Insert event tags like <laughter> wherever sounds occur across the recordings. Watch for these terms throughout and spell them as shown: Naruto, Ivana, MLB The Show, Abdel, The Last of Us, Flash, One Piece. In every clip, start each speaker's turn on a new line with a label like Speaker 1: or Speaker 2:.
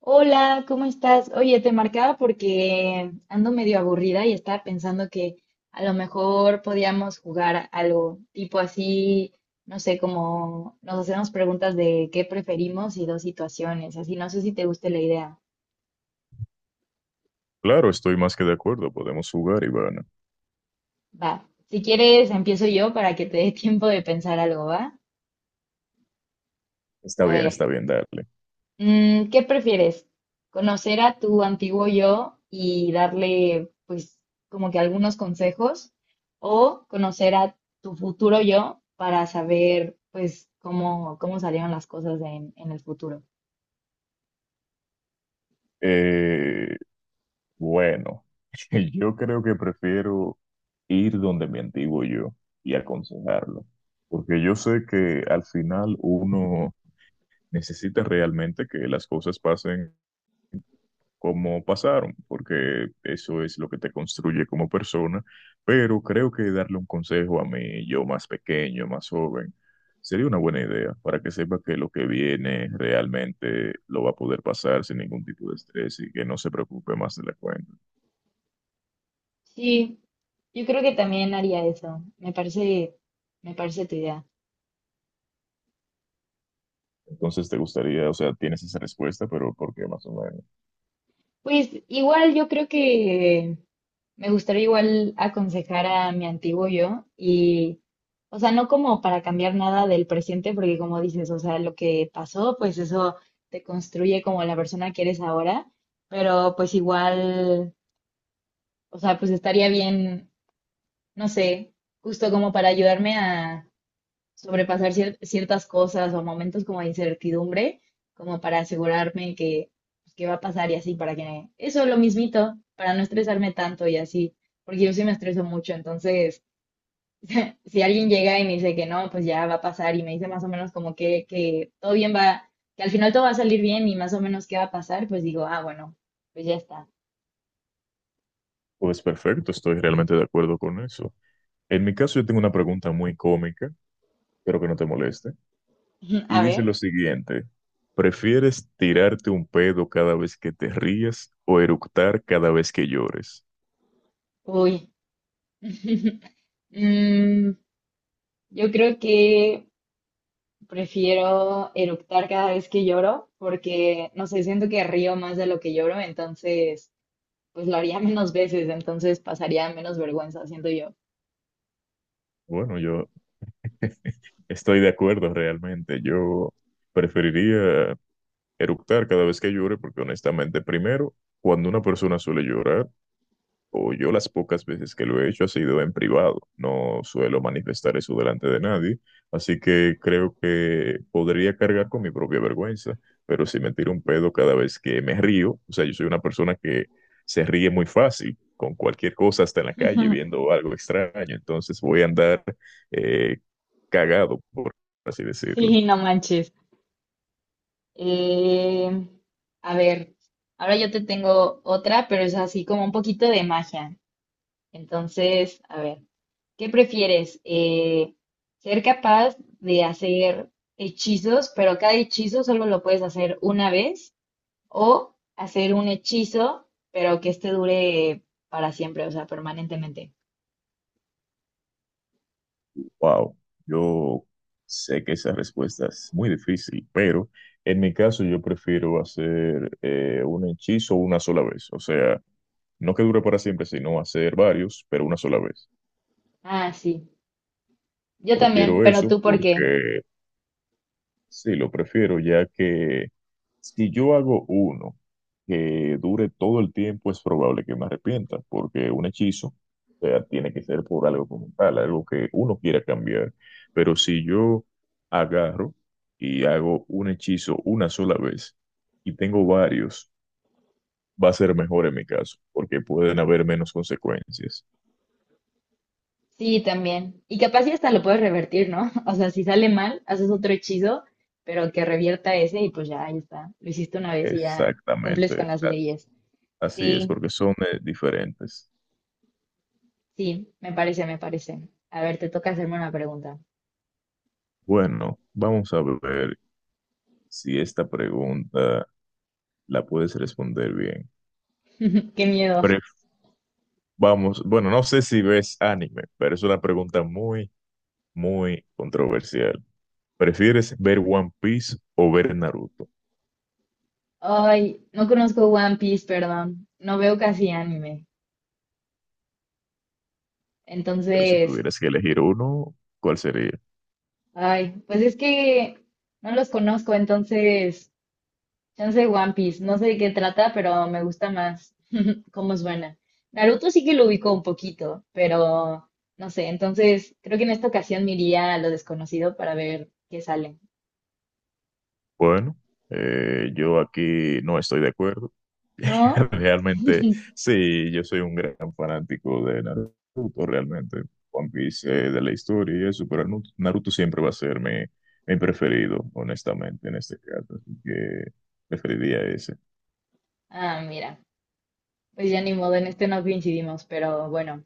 Speaker 1: Hola, ¿cómo estás? Oye, te marcaba porque ando medio aburrida y estaba pensando que a lo mejor podíamos jugar algo tipo así, no sé, como nos hacemos preguntas de qué preferimos y dos situaciones, así, no sé si te guste la idea.
Speaker 2: Claro, estoy más que de acuerdo. Podemos jugar, Ivana.
Speaker 1: Va, si quieres empiezo yo para que te dé <laughs> tiempo de pensar algo, ¿va? A ver,
Speaker 2: Está bien, darle.
Speaker 1: ¿Qué prefieres? ¿Conocer a tu antiguo yo y darle, pues, como que algunos consejos? ¿O conocer a tu futuro yo para saber, pues, cómo salieron las cosas en el futuro?
Speaker 2: Eh, bueno, <laughs> yo creo que prefiero ir donde mi antiguo yo y aconsejarlo, porque yo sé que al final uno necesita realmente que las cosas pasen cómo pasaron, porque eso es lo que te construye como persona, pero creo que darle un consejo a mí, yo más pequeño, más joven, sería una buena idea para que sepa que lo que viene realmente lo va a poder pasar sin ningún tipo de estrés y que no se preocupe más de la cuenta.
Speaker 1: Sí, yo creo que también haría eso. Me parece tu idea.
Speaker 2: Entonces, te gustaría, o sea, tienes esa respuesta, pero ¿por qué más o menos?
Speaker 1: Pues igual yo creo que. Me gustaría igual aconsejar a mi antiguo yo y, o sea, no como para cambiar nada del presente, porque como dices, o sea, lo que pasó, pues eso te construye como la persona que eres ahora, pero pues igual, o sea, pues estaría bien, no sé, justo como para ayudarme a sobrepasar ciertas cosas o momentos como de incertidumbre, como para asegurarme que, pues, que va a pasar y así, para que eso lo mismito, para no estresarme tanto y así, porque yo sí me estreso mucho, entonces si alguien llega y me dice que no, pues ya va a pasar y me dice más o menos como que todo bien va, que al final todo va a salir bien y más o menos qué va a pasar, pues digo, ah, bueno, pues ya está.
Speaker 2: Pues perfecto, estoy realmente de acuerdo con eso. En mi caso, yo tengo una pregunta muy cómica, espero que no te moleste.
Speaker 1: <laughs>
Speaker 2: Y
Speaker 1: A
Speaker 2: dice
Speaker 1: ver,
Speaker 2: lo siguiente, ¿prefieres tirarte un pedo cada vez que te rías o eructar cada vez que llores?
Speaker 1: uy. <laughs> Mm, yo creo que. Prefiero eructar cada vez que lloro porque, no sé, siento que río más de lo que lloro, entonces, pues lo haría <laughs> menos veces, entonces pasaría menos vergüenza, siento yo. <laughs>
Speaker 2: Bueno, yo <laughs> estoy de acuerdo realmente, yo preferiría eructar cada vez que llore porque honestamente, primero, cuando una persona suele llorar, o yo las pocas veces que lo he hecho ha sido en privado. No suelo manifestar eso delante de nadie, así que creo que podría cargar con mi propia vergüenza, pero si me tiro un pedo cada vez que me río, o sea, yo soy una persona que se ríe muy fácil con cualquier cosa, hasta en la calle, viendo algo extraño, entonces voy a andar eh, cagado, por así
Speaker 1: Sí,
Speaker 2: decirlo.
Speaker 1: no manches. Eh, a ver, ahora yo te tengo otra, pero es así como un poquito de magia. Entonces, a ver, ¿qué prefieres? ¿Ser capaz de hacer hechizos, pero cada hechizo solo lo puedes hacer una vez? O hacer un hechizo, pero que este dure para siempre, o sea, permanentemente.
Speaker 2: Wow, yo sé que esa respuesta es muy difícil, pero en mi caso yo prefiero hacer un hechizo una sola vez. O sea, no que dure para siempre, sino hacer varios, pero una sola vez.
Speaker 1: Ah, sí. Yo también,
Speaker 2: Prefiero
Speaker 1: pero
Speaker 2: eso
Speaker 1: tú por qué.
Speaker 2: porque sí, lo prefiero, ya que si yo hago uno que dure todo el tiempo, es probable que me arrepienta, porque un hechizo, o sea, tiene que ser por algo como tal, algo que uno quiera cambiar. Pero si yo agarro y hago un hechizo una sola vez y tengo varios, va a ser mejor en mi caso, porque pueden haber menos consecuencias.
Speaker 1: Sí, también. Y capaz y hasta lo puedes revertir, ¿no? <laughs> O sea, si sale mal, haces otro hechizo, pero que revierta ese y pues ya, ahí está. Lo hiciste una vez y ya cumples con
Speaker 2: Exactamente,
Speaker 1: las leyes.
Speaker 2: así es,
Speaker 1: Sí,
Speaker 2: porque son diferentes.
Speaker 1: sí, me parece. A ver, te toca hacerme una pregunta.
Speaker 2: Bueno, vamos a ver si esta pregunta la puedes responder bien.
Speaker 1: Qué miedo.
Speaker 2: Pero vamos, bueno, no sé si ves anime, pero es una pregunta muy controversial. ¿Prefieres ver One Piece o ver Naruto?
Speaker 1: Ay, no conozco One Piece, perdón. No veo casi anime.
Speaker 2: Pero si
Speaker 1: Entonces,
Speaker 2: tuvieras que elegir uno, ¿cuál sería?
Speaker 1: ay, pues es que no los conozco, entonces, chance One Piece, no sé de qué trata, pero me gusta más cómo suena. Naruto sí que lo ubico un poquito, pero no sé, entonces creo que en esta ocasión me iría a lo desconocido para ver qué sale.
Speaker 2: Bueno, yo aquí no estoy de acuerdo.
Speaker 1: ¿No?
Speaker 2: <laughs> Realmente, sí, yo soy un gran fanático de Naruto, realmente. One Piece, de la historia y eso, pero Naruto siempre va a ser mi preferido, honestamente, en este caso. Así que preferiría ese.
Speaker 1: Ah, mira, pues ya ni modo, en este no coincidimos, pero bueno.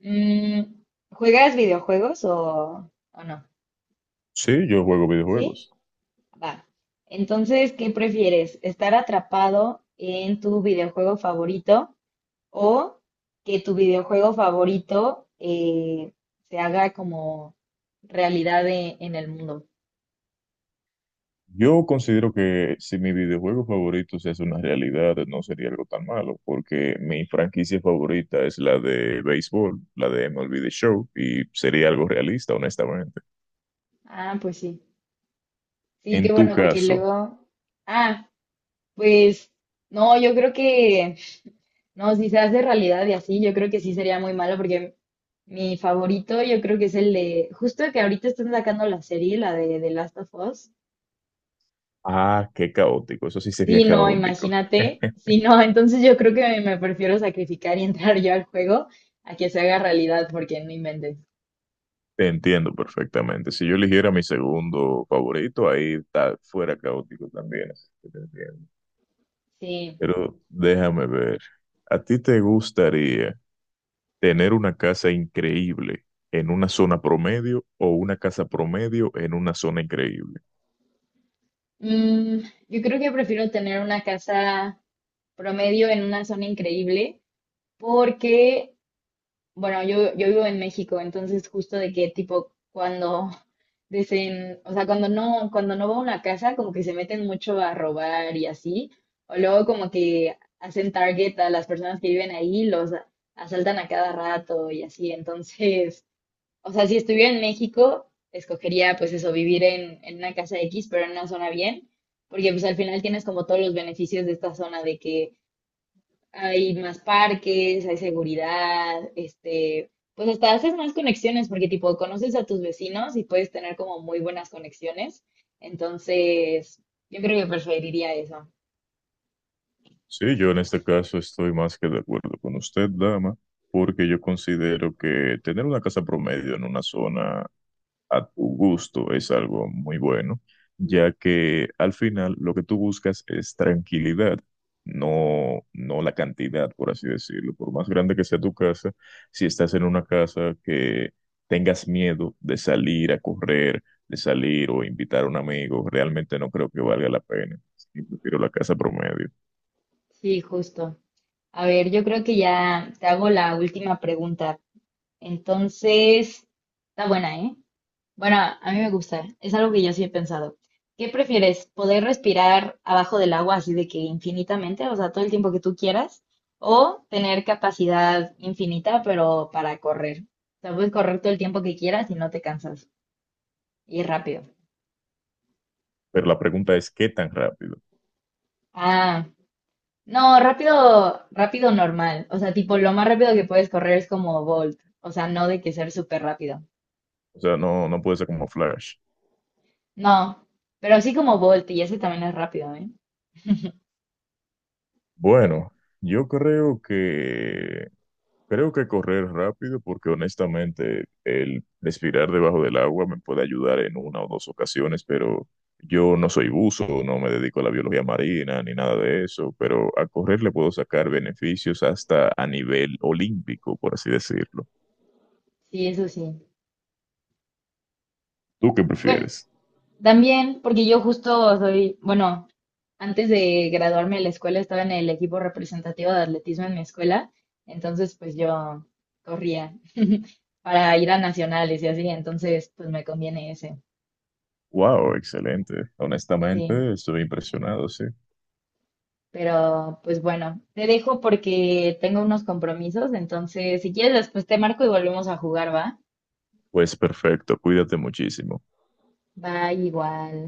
Speaker 1: Mm, ¿Juegas videojuegos o no?
Speaker 2: Sí, yo juego
Speaker 1: ¿Sí?
Speaker 2: videojuegos.
Speaker 1: Va. Entonces, ¿qué prefieres? ¿Estar atrapado en tu videojuego favorito o que tu videojuego favorito se haga como realidad en el mundo?
Speaker 2: Yo considero que si mi videojuego favorito se hace una realidad, no sería algo tan malo, porque mi franquicia favorita es la de béisbol, la de MLB The Show, y sería algo realista, honestamente.
Speaker 1: Ah, pues sí. Sí,
Speaker 2: En
Speaker 1: qué
Speaker 2: tu
Speaker 1: bueno, porque
Speaker 2: caso,
Speaker 1: luego... Ah, pues no, yo creo que... No, si se hace realidad y así, yo creo que sí sería muy malo porque mi favorito yo creo que es el de... Justo que ahorita están sacando la serie, la de The Last of Us.
Speaker 2: ah, qué caótico, eso sí sería
Speaker 1: Sí, no,
Speaker 2: caótico.
Speaker 1: imagínate.
Speaker 2: <laughs>
Speaker 1: Sí, no, entonces yo creo que me prefiero sacrificar y entrar yo al juego a que se haga realidad, porque no inventes.
Speaker 2: Te entiendo perfectamente. Si yo eligiera mi segundo favorito, fuera caótico también, así que te entiendo.
Speaker 1: Sí.
Speaker 2: Pero déjame ver. ¿A ti te gustaría tener una casa increíble en una zona promedio o una casa promedio en una zona increíble?
Speaker 1: Mm, yo creo que prefiero tener una casa promedio en una zona increíble, porque. Bueno, yo vivo en México, entonces justo de que tipo cuando dicen, o sea, cuando no va a una casa, como que se meten mucho a robar y así, o luego como que hacen target a las personas que viven ahí, los asaltan a cada rato y así, entonces, o sea, si estuviera en México, escogería pues eso, vivir en una casa X, pero en una zona bien, porque pues al final tienes como todos los beneficios de esta zona de que hay más parques, hay seguridad, este, pues hasta haces más conexiones porque tipo conoces a tus vecinos y puedes tener como muy buenas conexiones. Entonces, yo creo que preferiría eso.
Speaker 2: Sí, yo en este caso estoy más que de acuerdo con usted, dama, porque yo considero que tener una casa promedio en una zona a tu gusto es algo muy bueno, ya que al final lo que tú buscas es tranquilidad, no la cantidad, por así decirlo. Por más grande que sea tu casa, si estás en una casa que tengas miedo de salir a correr, de salir o invitar a un amigo, realmente no creo que valga la pena. Sí, prefiero la casa promedio.
Speaker 1: Sí, justo. A ver, yo creo que ya te hago la última pregunta. Entonces, está buena, ¿eh? Bueno, a mí me gusta. Es algo que yo sí he pensado. ¿Qué prefieres? ¿Poder respirar abajo del agua así de que infinitamente, o sea, todo el tiempo que tú quieras? ¿O tener capacidad infinita, pero para correr? O sea, puedes correr todo el tiempo que quieras y no te cansas. Y rápido.
Speaker 2: Pero la pregunta es, ¿qué tan rápido?
Speaker 1: Ah, no, rápido, rápido normal. O sea, tipo, lo más rápido que puedes correr es como Bolt. O sea, no de que ser súper rápido.
Speaker 2: O sea, no puede ser como Flash.
Speaker 1: No, pero sí como Bolt y ese también es rápido, ¿eh?
Speaker 2: Bueno, yo creo que creo que correr rápido porque honestamente el respirar debajo del agua me puede ayudar en una o dos ocasiones, pero yo no soy buzo, no me dedico a la biología marina ni nada de eso, pero a correr le puedo sacar beneficios hasta a nivel olímpico, por así decirlo.
Speaker 1: Sí, eso sí.
Speaker 2: ¿Tú qué
Speaker 1: Bueno.
Speaker 2: prefieres?
Speaker 1: También, porque yo justo soy, bueno, antes de graduarme de la escuela estaba en el equipo representativo de atletismo en mi escuela, entonces pues yo corría <laughs> para ir a nacionales y así, entonces pues me conviene ese,
Speaker 2: Wow, excelente.
Speaker 1: sí.
Speaker 2: Honestamente, estoy impresionado, sí.
Speaker 1: Pero pues bueno, te dejo porque tengo unos compromisos, entonces si quieres después te marco y volvemos a jugar, ¿va?
Speaker 2: Pues perfecto, cuídate muchísimo.
Speaker 1: Va igual.